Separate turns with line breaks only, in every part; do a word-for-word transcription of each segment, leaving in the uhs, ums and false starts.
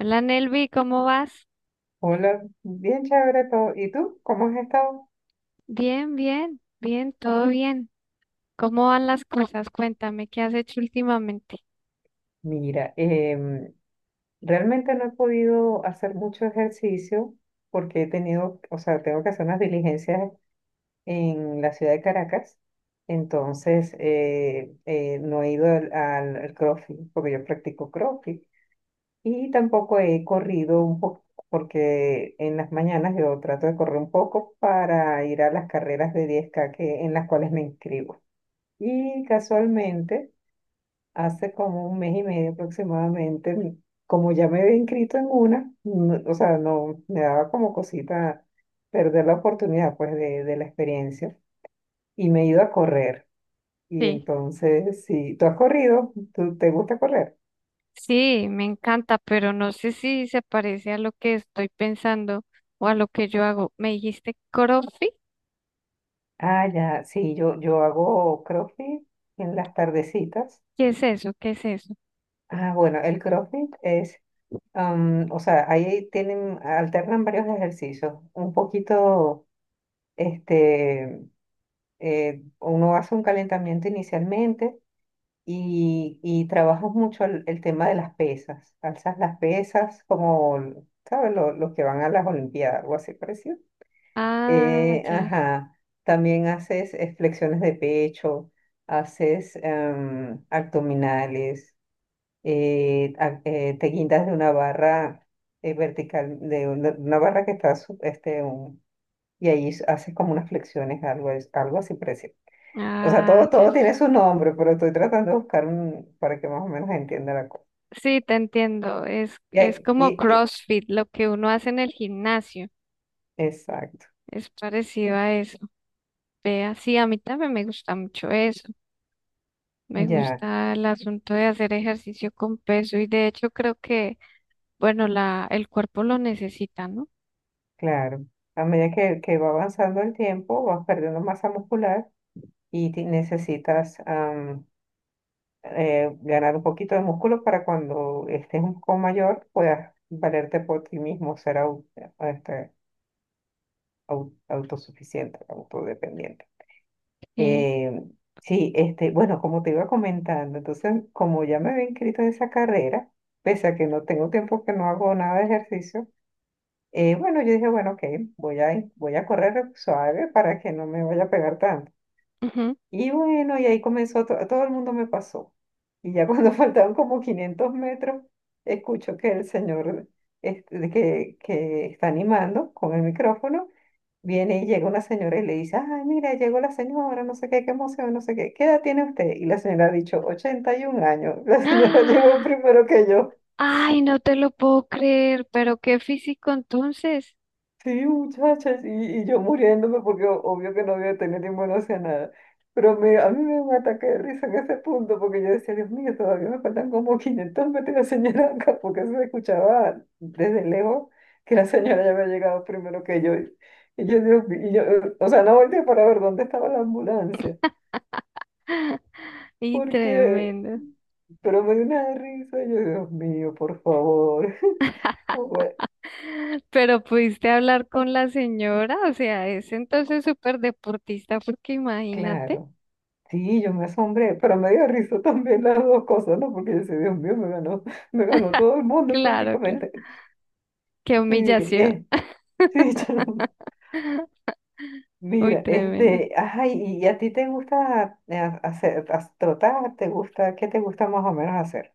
Hola Nelvi, ¿cómo vas?
Hola, bien chévere todo. ¿Y tú? ¿Cómo has estado?
Bien, bien, bien, todo bien. ¿Cómo van las cosas? Cuéntame, ¿qué has hecho últimamente?
Mira, em, realmente no he podido hacer mucho ejercicio porque he tenido, o sea, tengo que hacer unas diligencias en la ciudad de Caracas. Entonces, eh, eh, no he ido al, al- al CrossFit porque yo practico CrossFit y tampoco he corrido un poco porque en las mañanas yo trato de correr un poco para ir a las carreras de diez k que, en las cuales me inscribo. Y casualmente... Hace como un mes y medio aproximadamente, m- como ya me había inscrito en una, no- o sea, no me daba como cosita perder la oportunidad pues de, de la experiencia y me he ido a correr. Y
Sí,
entonces, si tú has corrido, ¿tú te gusta correr?
sí, me encanta, pero no sé si se parece a lo que estoy pensando o a lo que yo hago. ¿Me dijiste CrossFit?
Ah, ya, sí, yo, yo hago CrossFit en las tardecitas.
¿Qué es eso? ¿Qué es eso?
Ah, bueno, el CrossFit es, am, o sea, ahí tienen, alternan varios ejercicios, un poquito, este eh, uno hace un calentamiento inicialmente y, y trabajas mucho el, el tema de las pesas. Alzas las pesas como, ¿sabes? Lo- Los, que van a las Olimpiadas, algo así parecido.
Ah,
Eh,
ya.
ajá. También haces eh, flexiones de pecho, haces em, abdominales, eh, a- eh, te guindas de una barra eh, vertical, de una, una barra que está, su- este, un- y ahí haces como unas flexiones, algo, es- algo así parecido. O sea,
Ah,
todo,
ya, ya.
todo tiene su nombre, pero estoy tratando de buscar un para que más o menos entienda la cosa.
Sí, te entiendo. Es,
Y,
es
hay-
como
y- y-
CrossFit, lo que uno hace en el gimnasio.
exacto,
Es parecido a eso. Vea, sí, a mí también me gusta mucho eso. Me
ya,
gusta el asunto de hacer ejercicio con peso y de hecho creo que, bueno, la, el cuerpo lo necesita, ¿no?
claro. A medida que, que va avanzando el tiempo, vas perdiendo masa muscular y ti- necesitas am, eh, ganar un poquito de músculo para cuando estés un poco mayor puedas valerte por ti mismo, ser au- este, au- autosuficiente, autodependiente.
Sí.
Eh, sí, este, bueno, como te iba comentando, entonces, como ya me había inscrito en esa carrera, pese a que no tengo tiempo que no hago nada de ejercicio, eh, bueno, yo dije, bueno, ok, voy a, in- voy a correr suave para que no me vaya a pegar tanto.
Ujú.
Y bueno, y ahí comenzó, to- todo el mundo me pasó. Y ya cuando faltaban como quinientos metros, escucho que el señor este, que, que está animando con el micrófono. Viene y llega una señora y le dice, ay, mira, llegó la señora, no sé qué, qué emoción, no sé qué, ¿qué edad tiene usted? Y la señora ha dicho, 81 años. La señora llegó
¡Ah!
primero que yo.
Ay, no te lo puedo creer, pero qué físico entonces.
Sí, muchachas, y, y yo muriéndome porque o- obvio que no había tenido ninguna hacia nada. Pero me- a mí me dio un ataque de risa en ese punto porque yo decía, Dios mío, todavía me faltan como quinientos metros de señora acá, porque eso se escuchaba desde lejos que la señora ya había llegado primero que yo. Y yo, Dios mío, y yo, o sea, no volteé para ver dónde estaba la ambulancia.
Y
porque,
tremendo.
pero me dio una risa, yo, Dios mío, por favor. Bueno,
Pero pudiste hablar con la señora, o sea, es entonces súper deportista, porque imagínate.
claro, sí, yo me asombré, pero me dio risa también las dos cosas, ¿no? Porque yo decía, Dios mío, me ganó, me ganó todo el mundo
Claro, claro.
prácticamente.
Qué
Sí,
humillación.
eh, sí, yo-
Uy,
mira,
tremendo.
este, ajá, ¿y, y a ti te gusta eh, hacer, as- trotar? ¿Te gusta, qué te gusta más o menos hacer?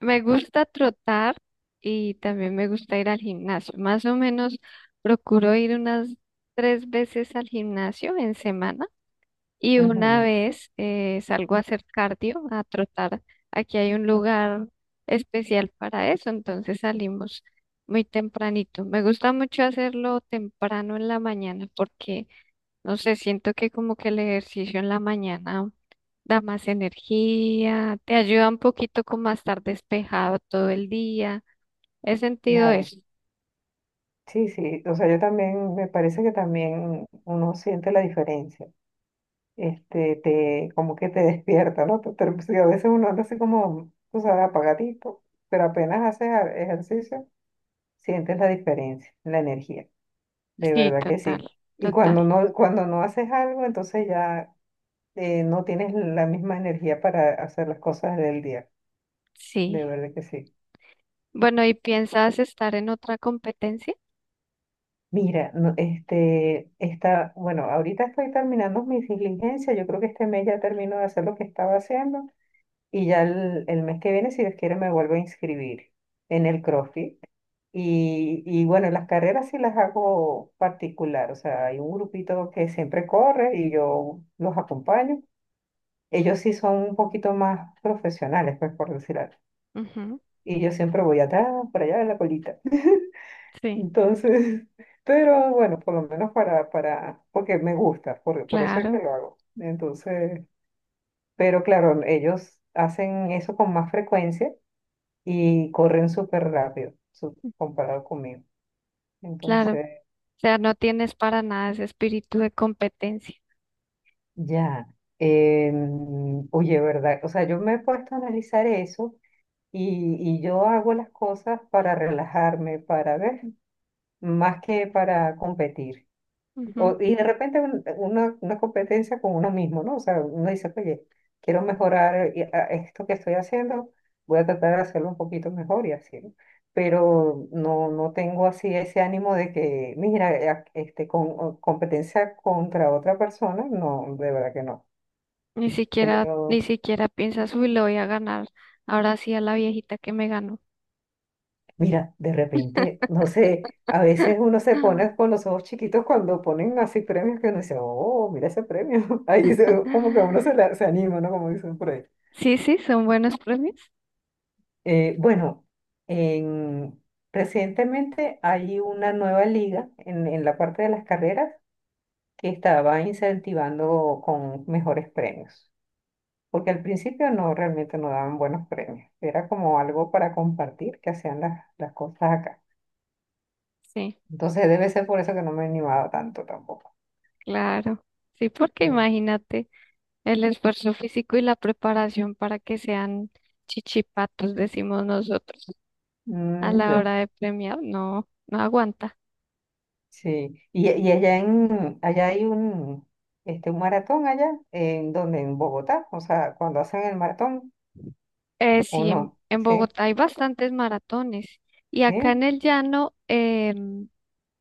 Me gusta trotar y también me gusta ir al gimnasio. Más o menos procuro ir unas tres veces al gimnasio en semana. Y una
Ujú,
vez eh, salgo a hacer cardio, a trotar, aquí hay un lugar especial para eso, entonces salimos muy tempranito. Me gusta mucho hacerlo temprano en la mañana porque, no sé, siento que como que el ejercicio en la mañana da más energía, te ayuda un poquito como a estar despejado todo el día. He sentido
claro,
eso.
sí, sí, o sea, yo también, me parece que también uno siente la diferencia. Este, te, como que te despierta, ¿no? Te- te- sí, a veces uno anda así como, tú sabes, apagadito, pero apenas haces a- ejercicio, sientes la diferencia, la energía, de
Sí,
verdad que
total,
sí. Y
total.
cuando no, cuando no haces algo, entonces ya eh, no tienes la misma energía para hacer las cosas del día, de
Sí.
verdad que sí.
Bueno, ¿y piensas estar en otra competencia?
Mira, no, este, está, bueno, ahorita estoy terminando mis diligencias, yo creo que este mes ya termino de hacer lo que estaba haciendo. Y ya el, el mes que viene, si Dios quiere, me vuelvo a inscribir en el CrossFit. Y, y bueno, las carreras sí las hago particular. O sea, hay un grupito que siempre corre y yo los acompaño. Ellos sí son un poquito más profesionales, pues por decir algo.
Ujú.
Y yo siempre voy atrás, para allá en la colita.
Sí.
Entonces, pero bueno, por lo menos para, para, porque me gusta, por, por eso es que
Claro,
lo hago. Entonces, pero claro, ellos hacen eso con más frecuencia y corren súper rápido su- comparado conmigo.
claro.
Entonces,
O sea, no tienes para nada ese espíritu de competencia.
ya, em, oye, ¿verdad? O sea, yo me he puesto a analizar eso y, y yo hago las cosas para relajarme, para ver, más que para competir.
Ujú.
O- y de repente un- una, una competencia con uno mismo, ¿no? O sea, uno dice, oye, quiero mejorar eh, a- esto que estoy haciendo, voy a tratar de hacerlo un poquito mejor y así, ¿no? Pero no, no tengo así ese ánimo de que, mira, eh, ac- este, con o competencia contra otra persona, no, de verdad que no.
Ni siquiera,
Pero
ni siquiera piensas, uy, le voy a ganar. Ahora sí a la viejita que me ganó.
mira, de repente, no sé, a veces uno se pone con los ojos chiquitos cuando ponen así premios que uno dice, oh, mira ese premio. Ahí se- como que a uno se, la- se anima, ¿no? Como dicen por ahí.
Sí, sí, son buenos premios.
Eh, bueno, en- recientemente hay una nueva liga en, en la parte de las carreras que estaba incentivando con mejores premios, porque al principio no realmente no daban buenos premios, era como algo para compartir que hacían las, las cosas acá.
Sí,
Entonces debe ser por eso que no me he animado tanto tampoco.
claro. Sí, porque
Sí.
imagínate el esfuerzo físico y la preparación para que sean chichipatos, decimos nosotros, a
Mm,
la
ya.
hora de premiar, no, no aguanta.
Sí. Y, y allá en allá hay un este un maratón allá en donde en Bogotá, o sea, cuando hacen el maratón.
Eh,
¿O
sí, en,
no?
en
Sí,
Bogotá hay bastantes maratones y acá en
sí.
el llano em,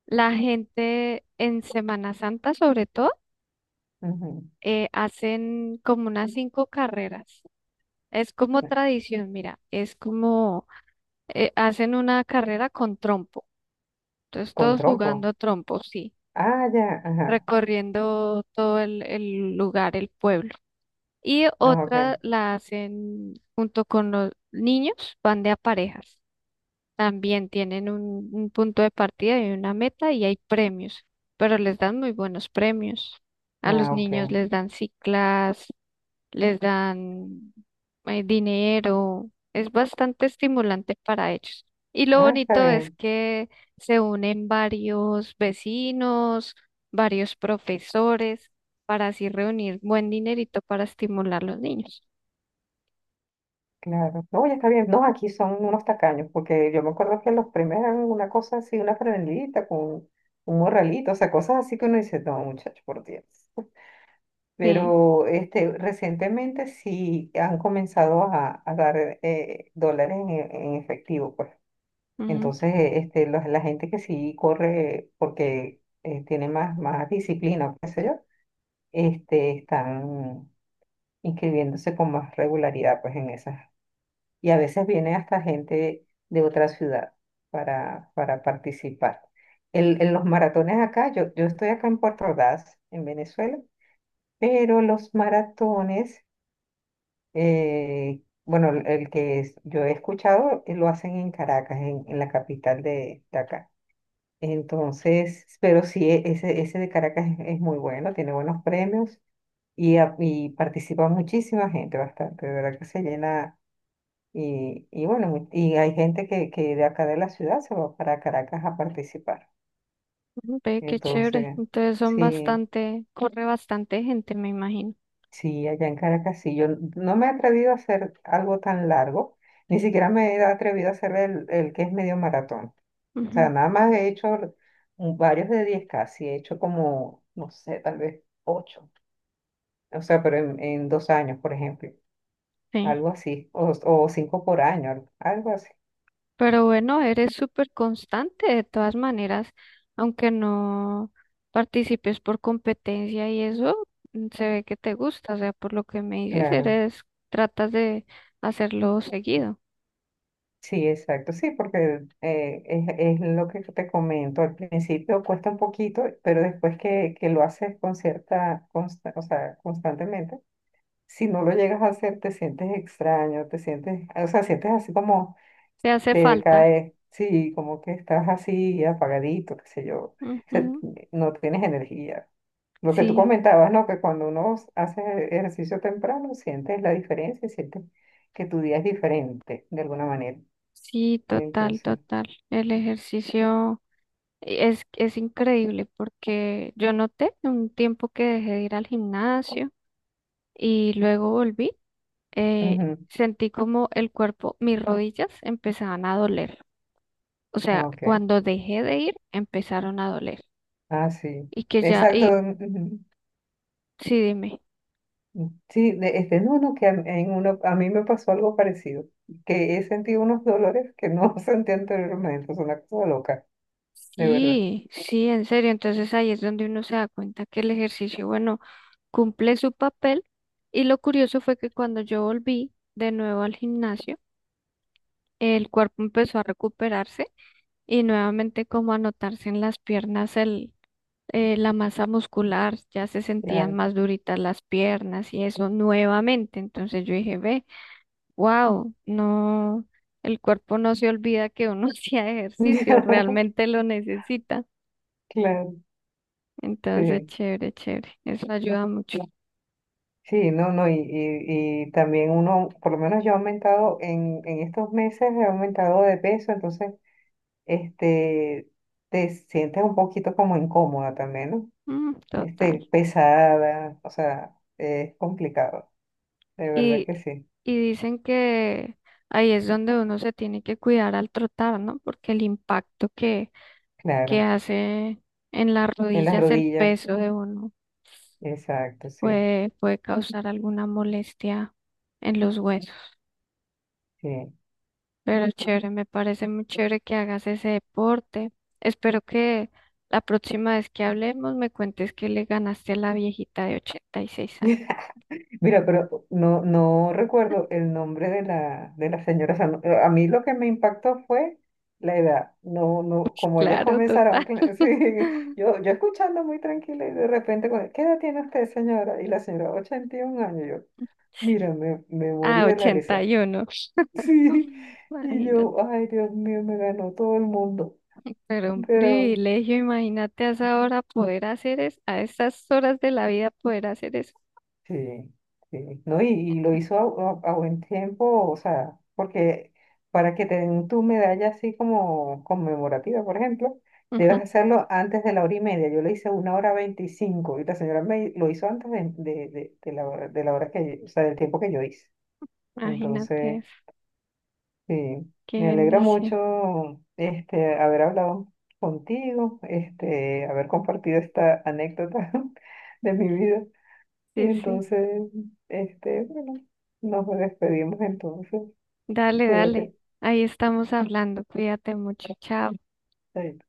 la gente en Semana Santa sobre todo
Ujú.
eh, hacen como unas cinco carreras. Es como tradición, mira, es como eh, hacen una carrera con trompo. Entonces
Con
todos
trompo.
jugando trompo, sí,
Ah, ya, ajá.
recorriendo todo el, el lugar, el pueblo. Y
Ah,
otra
ok.
la hacen junto con los niños, van de a parejas. También tienen un, un punto de partida y una meta y hay premios, pero les dan muy buenos premios. A los
Ah,
niños
ok.
les dan ciclas, les dan eh, dinero. Es bastante estimulante para ellos. Y lo
Ah, está
bonito es
bien,
que se unen varios vecinos, varios profesores, para así reunir buen dinerito para estimular a los niños.
claro. No, ya está bien. No, aquí son unos tacaños, porque yo me acuerdo que los primeros eran una cosa así, una franelita con un morralito, o sea, cosas así que uno dice, no, muchacho, por Dios.
Sí.
Pero este, recientemente sí han comenzado a, a dar eh, dólares en, en efectivo, pues. Entonces, eh, este, los- la gente que sí corre porque eh, tiene más, más, disciplina, o qué sé yo, este, están inscribiéndose con más regularidad pues en esas. Y a veces viene hasta gente de otra ciudad para, para participar. El- en los maratones acá, yo, yo estoy acá en Puerto Ordaz, en Venezuela, pero los maratones, eh, bueno, el el que es- yo he escuchado, eh, lo hacen en Caracas, en, en la capital de de acá. Entonces, pero sí, e- ese, ese de Caracas es, es muy bueno, tiene buenos premios y, a- y participa muchísima gente, bastante, de verdad que se llena. Y, y bueno, mu- y hay gente que, que de acá de la ciudad se va para Caracas a participar.
Ve, qué chévere.
Entonces,
Entonces son
sí,
bastante, corre bastante gente, me imagino.
sí, allá en Caracas sí. Yo no me he atrevido a hacer algo tan largo, ni siquiera me he atrevido a hacer el, el que es medio maratón. O sea,
Ujú.
nada más he hecho un- varios de diez k sí, he hecho como, no sé, tal vez, ocho. O sea, pero en, en dos años, por ejemplo,
Sí.
algo así, o, o cinco por año, al- algo así.
Pero bueno, eres súper constante de todas maneras, aunque no participes por competencia y eso, mm, se ve que te gusta. O sea, por lo que me dices,
Claro,
eres, tratas de hacerlo seguido.
sí, exacto, sí, porque eh, es, es lo que te comento, al principio cuesta un poquito, pero después que, que lo haces con cierta, consta- o sea, constantemente, si no lo llegas a hacer, te sientes extraño, te sientes, o sea, sientes así como
Te hace
te
falta.
decaes, sí, como que estás así apagadito, qué sé yo, se-
Ujú.
no tienes energía. Lo que tú
Sí,
comentabas, ¿no? Que cuando uno hace ejercicio temprano, sientes la diferencia, y sientes que tu día es diferente de alguna manera.
sí, total,
Entonces,
total. El ejercicio. Es, es increíble porque yo noté un tiempo que dejé de ir al gimnasio y luego volví, eh,
ujú,
sentí como el cuerpo, mis rodillas empezaban a doler. O sea,
ah, ok,
cuando dejé de ir, empezaron a doler.
ah, sí,
Y que ya,
exacto.
y
Ujú.
sí, dime,
Sí, de- este, no, no, que a, en uno, a mí me pasó algo parecido, que he sentido unos dolores que no sentí anteriormente, es una cosa loca, de verdad,
sí, sí, en serio. Entonces ahí es donde uno se da cuenta que el ejercicio, bueno, cumple su papel. Y lo curioso fue que cuando yo volví de nuevo al gimnasio, el cuerpo empezó a recuperarse y nuevamente como anotarse en las piernas el, eh, la masa muscular, ya se sentían
claro,
más duritas las piernas y eso nuevamente. Entonces yo dije, ve, wow, no, el cuerpo no se olvida que uno hacía ejercicio, realmente lo necesita.
claro,
Entonces,
sí.
chévere, chévere, eso ayuda mucho.
Sí, no, no, y, y, y también uno, por lo menos yo he aumentado en, en estos meses, he aumentado de peso, entonces, este, te sientes un poquito como incómoda también, ¿no?
Mm, total.
Este, pesada, o sea, es complicado, de verdad
Y,
que sí,
y dicen que ahí es donde uno se tiene que cuidar al trotar, ¿no? Porque el impacto que que
claro.
hace en las
En las
rodillas el
rodillas,
peso de uno
exacto, sí,
puede, puede causar alguna molestia en los huesos.
sí.
Pero chévere, me parece muy chévere que hagas ese deporte. Espero que la próxima vez que hablemos me cuentes que le ganaste a la viejita de ochenta y seis años.
Mira, pero no, no recuerdo el nombre de la, de la señora. O sea, no- a mí lo que me impactó fue la edad. No, no, como ellas
Claro,
comenzaron,
total.
cla- sí, yo, yo escuchando muy tranquila y de repente, con- ¿qué edad tiene usted, señora? Y la señora, 81 años. Yo, mira, me, me morí
Ah,
de la
ochenta
risa.
y uno
Sí, y
Imagínate.
yo, ay, Dios mío, me ganó todo el mundo.
Pero un
Pero
privilegio, imagínate a esa hora poder hacer eso, a estas horas de la vida poder hacer eso.
Sí, sí, ¿no? Y, y lo hizo a, a- a buen tiempo, o sea, porque para que te den tu medalla así como conmemorativa, por ejemplo,
Ujú.
debes hacerlo antes de la hora y media. Yo lo hice una hora veinticinco y la señora me lo hizo antes de, de, de- de la hora, de la hora que, o sea, del tiempo que yo hice.
Imagínate
Entonces,
eso.
sí,
Qué
me alegra
bendición.
mucho este, haber hablado contigo, este, haber compartido esta anécdota de mi vida. Y
Sí, sí.
entonces, este, bueno, nos despedimos entonces.
Dale, dale.
Cuídate.
Ahí estamos hablando. Cuídate mucho. Chao.
Chaito.